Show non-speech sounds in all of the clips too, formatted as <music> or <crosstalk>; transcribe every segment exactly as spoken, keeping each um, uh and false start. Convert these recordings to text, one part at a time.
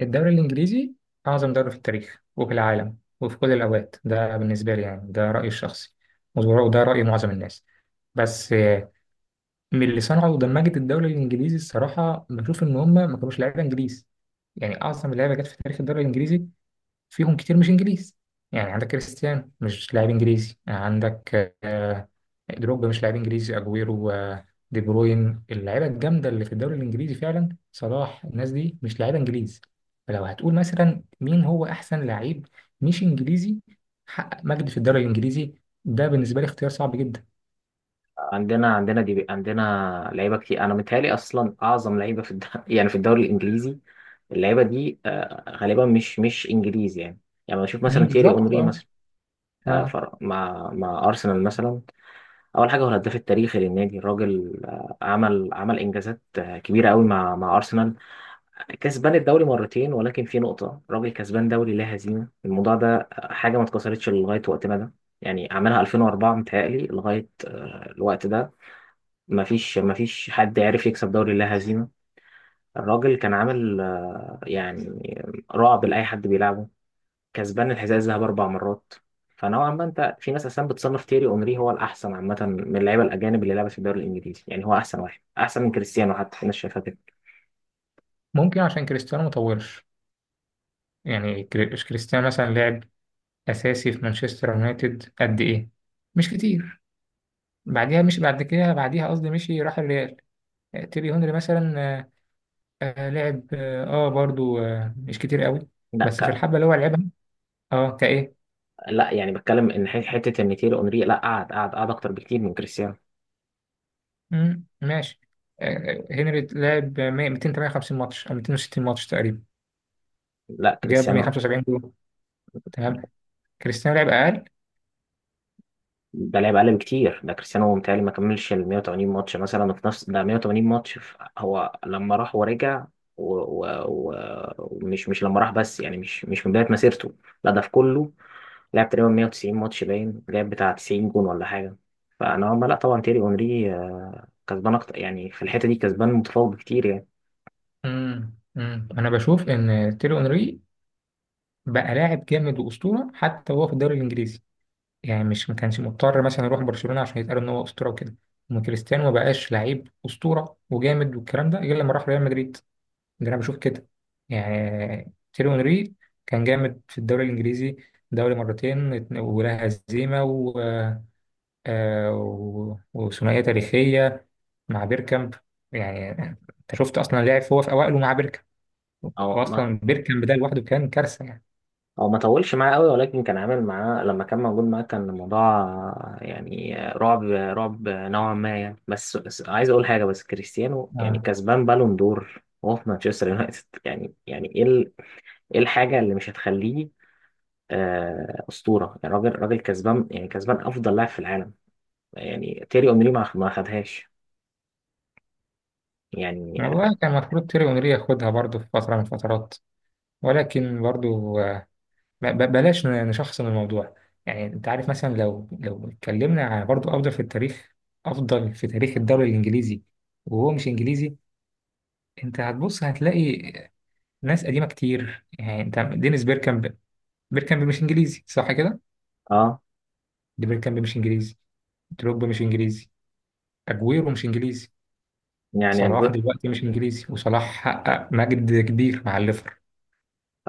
الدوري الإنجليزي أعظم دوري في التاريخ وفي العالم وفي كل الأوقات، ده بالنسبة لي. يعني ده رأيي الشخصي وده وده رأي معظم الناس. بس آه، من اللي صنعوا ودمجت الدوري الإنجليزي، الصراحة بشوف إن هم ما كانوش لعيبة إنجليز. يعني أعظم لعيبة جت في تاريخ الدوري الإنجليزي فيهم كتير مش انجليز. يعني عندك كريستيانو مش لاعب انجليزي، عندك آه، دروجبا مش لاعب انجليزي، اجويرو، آه، دي بروين، اللعيبه الجامده اللي في الدوري الانجليزي فعلا، صلاح، الناس دي مش لعيبه انجليز. فلو هتقول مثلا مين هو احسن لعيب مش انجليزي حقق مجد في الدوري الانجليزي، ده بالنسبه لي اختيار صعب جدا. عندنا عندنا دي عندنا لعيبه كتير. انا متهيألي اصلا اعظم لعيبه في الد... <laughs> يعني في الدوري الانجليزي. اللعيبه دي آه، غالبا مش مش انجليزي يعني. يعني بشوف مم، مثلا تييري بالظبط، اونري اه. مثلا، آه، اه. فر- مع مع ارسنال مثلا. اول حاجه هو الهداف التاريخي للنادي. الراجل آه، عمل عمل انجازات آه، كبيره قوي مع مع ارسنال. كسبان الدوري مرتين، ولكن في نقطه، الراجل كسبان دوري لا هزيمه. الموضوع ده آه، حاجه ما اتكسرتش لغايه وقتنا ده. يعني عملها ألفين وأربعة متهيألي لغايه آه، الوقت ده. ما فيش ما فيش حد عرف يكسب دوري لا هزيمة. الراجل كان عامل آه، يعني رعب لأي حد بيلعبه. كسبان الحذاء الذهبي أربع مرات. فنوعا ما، أنت في ناس أصلا بتصنف تيري أونري هو الأحسن عامة من اللعيبة الأجانب اللي لعبت في الدوري الإنجليزي، يعني هو أحسن واحد، أحسن من كريستيانو حتى، في ناس شايفها كده. ممكن عشان كريستيانو مطولش. يعني كري- كريستيانو مثلا لعب اساسي في مانشستر يونايتد قد ايه؟ مش كتير. بعديها، مش بعد كده بعديها قصدي، مشي راح الريال. آه، تيري هنري مثلا، آه، آه، لعب، اه آه، برضو آه، مش كتير قوي. لا، بس في ك... الحبة اللي هو لعبها، اه كايه. لا، يعني بتكلم إن ح- حتة إن تيري أونري لا قعد قعد قعد أكتر بكتير من كريستيانو. مم، ماشي. آه، آه، هنري لعب مية مئتين وتمانية وخمسين ماتش او مئتين وستين ماتش تقريبا، لا، جاب كريستيانو مية وخمسة وسبعين جول. تمام. كريستيانو لعب اقل. ده لعب اقل بكتير. ده كريستيانو متهيألي ما كملش ال مية وتمانين ماتش مثلا، في نفس ده مية وتمانين ماتش، في هو لما راح ورجع. و... و... و... ومش مش لما راح بس، يعني مش مش من بداية مسيرته. لا ده في كله، لعب تقريبا مية وتسعين ماتش، باين لعب بتاع تسعين جون ولا حاجة. فأنا ما لا، طبعا تيري اونري آه، كسبان أكتر يعني، في الحتة دي كسبان متفوق بكتير يعني. مم، مم. انا بشوف ان تيري اونري بقى لاعب جامد واسطورة حتى وهو في الدوري الانجليزي. يعني مش ما كانش مضطر مثلا يروح برشلونة عشان يتقال ان هو اسطورة وكده. أما كريستيانو ما بقاش لعيب اسطورة وجامد والكلام ده غير لما راح ريال مدريد. ده انا بشوف كده. يعني تيرو انري كان جامد في الدوري الانجليزي، دوري مرتين ات- ولا هزيمة و... آه، و- وثنائية تاريخية مع بيركامب. يعني انت شفت اصلا لعب هو في اوائله مع بيركامب، أو، واصلا بيركامب ده لوحده كان كارثة يعني. هو ما طولش معاه قوي، ولكن كان عامل معاه لما كان موجود معاه، كان الموضوع آه، يعني آه، رعب رعب نوعا ما يعني. بس بس عايز اقول حاجه، بس كريستيانو يعني اه كسبان بالون دور وهو في مانشستر يونايتد. <laughs> يعني يعني ايه ال- ايه الحاجه اللي مش هتخليه آه، اسطوره؟ يعني راجل راجل كسبان، يعني كسبان افضل لاعب في العالم. يعني تيري اونري ما ما خدهاش يعني. والله كان المفروض تيري اونري ياخدها برضه في فترة من الفترات، ولكن برضو آه، ب- ب- بلاش ن- نشخصن الموضوع. يعني انت عارف، مثلا لو لو اتكلمنا على برضو افضل في التاريخ، افضل في تاريخ الدوري الانجليزي وهو مش انجليزي، انت هتبص هتلاقي ناس قديمه كتير. يعني انت دينيس بيركامب، بيركامب مش انجليزي صح كده؟ اه. دي بيركامب مش انجليزي، دروجبا مش انجليزي، اجويرو مش انجليزي، يعني صلاح الج- دلوقتي مش انجليزي، وصلاح حقق مجد كبير مع الليفر.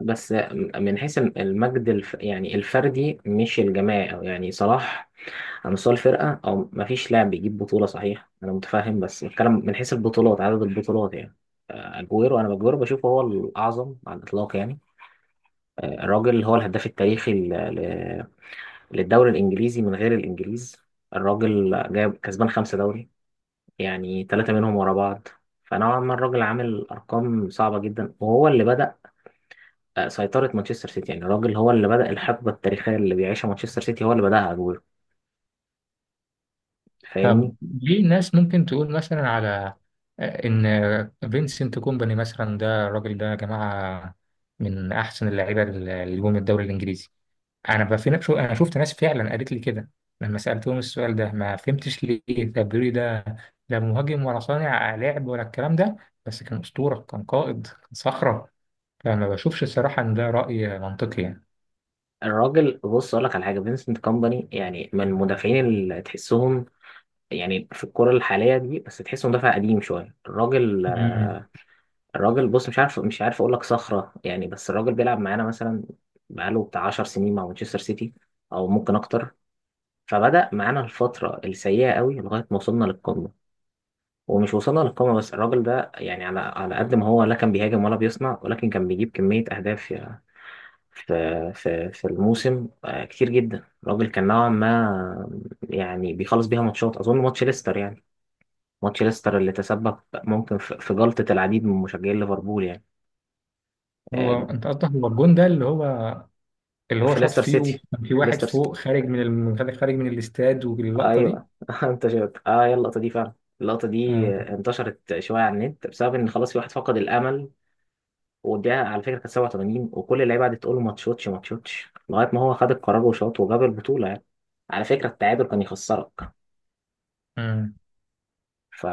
بس من حيث المجد، الف يعني الفردي مش الجماعي، أو يعني صلاح على مستوى الفرقة، أو مفيش لاعب بيجيب بطولة، صحيح أنا متفاهم، بس بتكلم من حيث البطولات، عدد البطولات يعني. آه، أجويرو، أنا أجويرو بشوفه هو الأعظم على الإطلاق يعني. آه، الراجل هو الهداف التاريخي ل- ل- للدوري الإنجليزي من غير الإنجليز. الراجل جايب، كسبان خمسة دوري، يعني ثلاثة منهم ورا بعض. فنوعا ما الراجل عامل أرقام صعبة جدا، وهو اللي بدأ آه، سيطرة مانشستر سيتي. يعني الراجل هو اللي بدأ الحقبة التاريخية اللي بيعيشها مانشستر سيتي، هو اللي بدأها، أجويرو. فاهمني؟ طب ليه ناس ممكن تقول مثلا على آه، إن فينسنت كومباني مثلا، ده الراجل ده يا جماعة من أحسن اللعيبة اللي جم الدوري الإنجليزي؟ أنا بقى في نفسه، أنا شفت ناس فعلا قالت لي كده. لما سألتهم السؤال ده ما فهمتش ليه. طب بيقولوا لي ده لا مهاجم ولا صانع لعب ولا الكلام ده، بس كان أسطورة، كان قائد، كان صخرة. فما بشوفش الصراحة إن ده رأي منطقي يعني. الراجل، بص اقول لك على حاجه، فينسنت كومباني يعني من المدافعين اللي تحسهم يعني في الكرة الحالية دي، بس تحسه مدافع قديم شوية الراجل. مم. الراجل، بص، مش عارف مش عارف اقول لك صخرة يعني، بس الراجل بيلعب معانا مثلا، بقاله بتاع عشر سنين مع مانشستر سيتي، او ممكن اكتر. فبدأ معانا الفترة السيئة قوي لغاية ما وصلنا للقمة. ومش وصلنا للقمة بس، الراجل ده يعني، على على قد ما هو لا كان بيهاجم ولا بيصنع، ولكن كان بيجيب كمية أهداف في في في الموسم آه، كتير جدا. الراجل كان نوعا ما يعني بيخلص بيها ماتشات، اظن ماتش ليستر يعني، ماتش ليستر اللي تسبب ممكن في في جلطة العديد من مشجعين ليفربول يعني. هو آه، أنت قصدك هو الجون ده اللي هو اللي هو في شاط ليستر فيه سيتي، وكان في واحد ليستر سيتي، فوق خارج من الم... خارج من الاستاد واللقطة دي؟ ايوه. <laughs> انت شفت؟ اه، هي اللقطة دي فعلا. اللقطة دي آه. آه، انتشرت شوية على النت، بسبب ان خلاص في واحد فقد الامل. وديها على فكرة كانت سبعة وتمانين، وكل اللعيبة قعدت تقول له ما تشوتش ما تشوتش، لغاية ما هو خد القرار وشاط وجاب البطولة يعني. على فكرة التعادل كان يخسرك. امم. ف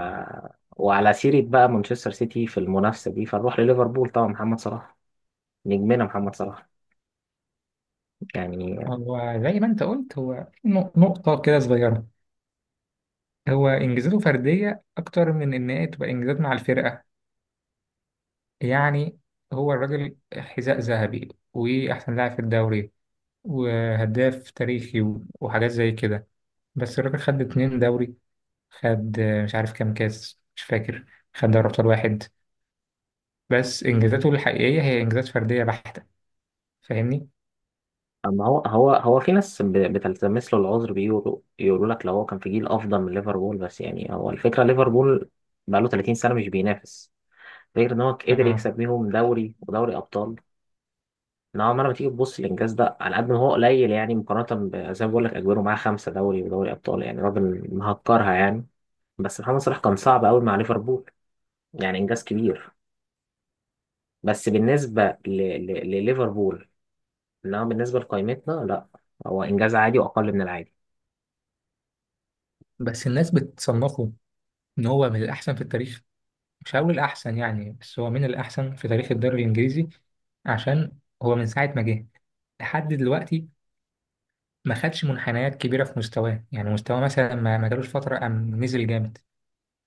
وعلى سيرة بقى مانشستر سيتي في المنافسة دي، فنروح لليفربول. طبعا محمد صلاح، نجمنا محمد صلاح يعني. هو زي ما انت قلت، هو في نق- نقطة كده صغيرة، هو انجازاته فردية اكتر من ان هي تبقى انجازات مع الفرقة. يعني هو الراجل حذاء ذهبي واحسن لاعب في الدوري وهداف تاريخي و- وحاجات زي كده. بس الراجل خد اتنين دوري، خد آه، مش عارف كام كاس مش فاكر، خد دوري ابطال واحد. بس انجازاته الحقيقية هي انجازات فردية بحتة. فاهمني؟ اما هو هو هو في ناس ب- بتلتمس له العذر، بيقولوا يقولوا لك لو هو كان في جيل افضل من ليفربول. بس يعني هو الفكرة، ليفربول بقى له تلاتين سنة مش بينافس، غير ان هو قدر اه. يكسب بيهم دوري ودوري ابطال. نوعا ما لما تيجي تبص الانجاز ده على قد ما هو قليل، يعني مقارنة ب- زي ما بقول لك، اجويرو معاه خمسة دوري ودوري ابطال، يعني راجل مهكرها يعني. بس محمد صلاح كان صعب قوي مع ليفربول، يعني انجاز كبير، بس بالنسبة ل... ل... لليفربول. إنما بالنسبة لقائمتنا لا، هو إنجاز عادي وأقل من العادي. بس الناس بتصنفه ان هو من الاحسن في التاريخ، مش هقول الاحسن يعني، بس هو من الاحسن في تاريخ الدوري الانجليزي. عشان هو من ساعه ما جه لحد دلوقتي ما خدش منحنيات كبيره في مستواه. يعني مستواه مثلا ما ما جالوش فتره قام نزل جامد.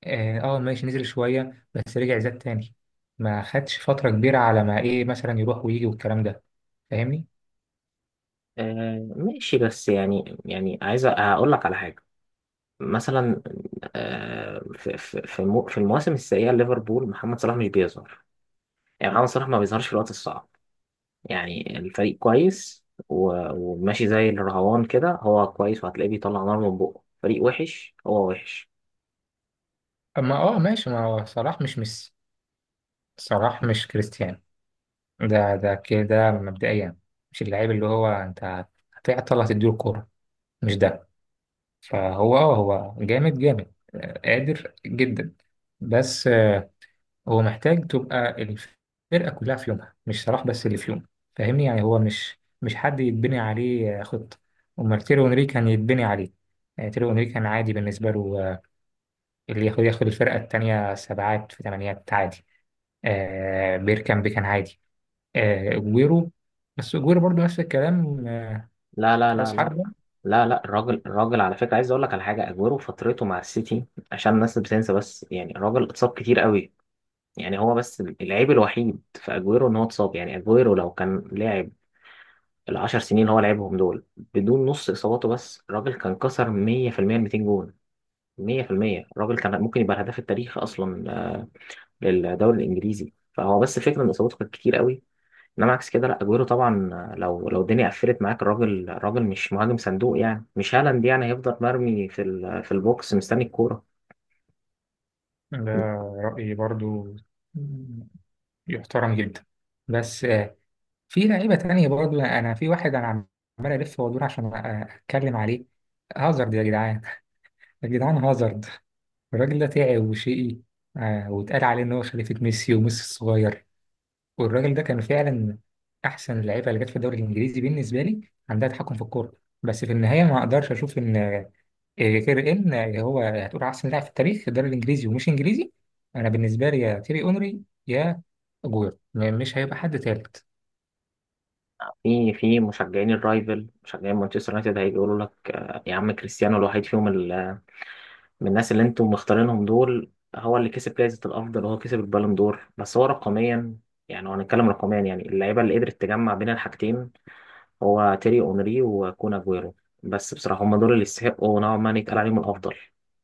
اه آه، ماشي، نزل شويه بس رجع زاد تاني. ما خدش فتره كبيره على ما ايه مثلا يروح ويجي والكلام ده. فاهمني؟ آه ماشي، بس يعني يعني عايز أقول لك على حاجة. مثلا، آه في في في المو- في المواسم السيئة ليفربول، محمد صلاح مش بيظهر. يعني محمد صلاح ما بيظهرش في الوقت الصعب. يعني الفريق كويس و- وماشي زي الرهوان كده، هو كويس، وهتلاقيه بيطلع نار من بقه. فريق وحش، هو وحش. اما اه ماشي، ما هو صلاح مش ميسي، صلاح مش كريستيانو. ده ده كده ده مبدئيا مش اللعيب اللي هو انت هتعطل هتديله الكورة، مش ده. فهو اه هو جامد جامد، آه، قادر جدا. بس آه، هو محتاج تبقى الفرقة كلها في يومها، مش صلاح بس اللي في يوم. فاهمني؟ يعني هو مش مش حد يتبني عليه آه، خطة. أمال تيرو إنري كان يتبني عليه، يعني تيرو إنري كان عادي بالنسبة له آه، اللي ياخد ياخد الفرقة التانية سبعات في تمانيات عادي. آه بيركامب كان عادي. آه، اجويرو، بس اجويرو برضو نفس الكلام، آه، لا، لا، راس لا، لا، حربة. لا، لا، الراجل الراجل على فكرة عايز اقول لك على حاجة. اجويرو فترته مع السيتي، عشان الناس بتنسى، بس يعني الراجل اتصاب كتير قوي. يعني هو بس العيب الوحيد في اجويرو ان هو اتصاب. يعني اجويرو لو كان لعب العشر سنين اللي هو لعبهم دول بدون نص اصاباته، بس الراجل كان كسر مية في المية ال ميتين جون. مية في المية الراجل كان ممكن يبقى الهداف التاريخي اصلا آه، للدوري الانجليزي. فهو بس فكرة ان اصاباته كانت كتير قوي. انما عكس كده لا، اجويرو طبعا، لو لو الدنيا قفلت معاك، الراجل الراجل مش مهاجم صندوق يعني، مش هالاند يعني، هيفضل مرمي في ال- في البوكس مستني الكوره. ده رأيي برضو يحترم جدا، بس آه، في لعيبة تانية برضو. أنا في واحد أنا عم- عمال ألف وأدور عشان أ- أتكلم عليه، هازارد يا جدعان. يا جدعان هازارد، الراجل ده تعب وشقي، آه، واتقال عليه إن هو خليفة ميسي وميسي الصغير. والراجل ده كان فعلا احسن اللعيبه اللي جت في الدوري الانجليزي بالنسبه لي، عندها تحكم في الكوره. بس في النهايه ما اقدرش اشوف ان آه، غير ان آه، هو هتقول احسن لاعب في التاريخ في الدوري الانجليزي ومش انجليزي. انا بالنسبه لي، يا تيري اونري يا اجويرو، م- مش هيبقى حد تالت. في في مشجعين الرايفل، مشجعين مانشستر يونايتد هيجي يقولوا لك آه، يا عم كريستيانو الوحيد فيهم، ال- من الناس اللي انتم مختارينهم دول هو اللي كسب جائزه الافضل، وهو كسب البالون دور، بس هو رقميا. يعني لو هنتكلم رقميا، يعني اللعيبه اللي قدرت تجمع بين الحاجتين هو تيري اونري وكون اجويرو. بس بصراحه هم دول اللي يستحقوا نوعا ما إن يتقال عليهم الافضل.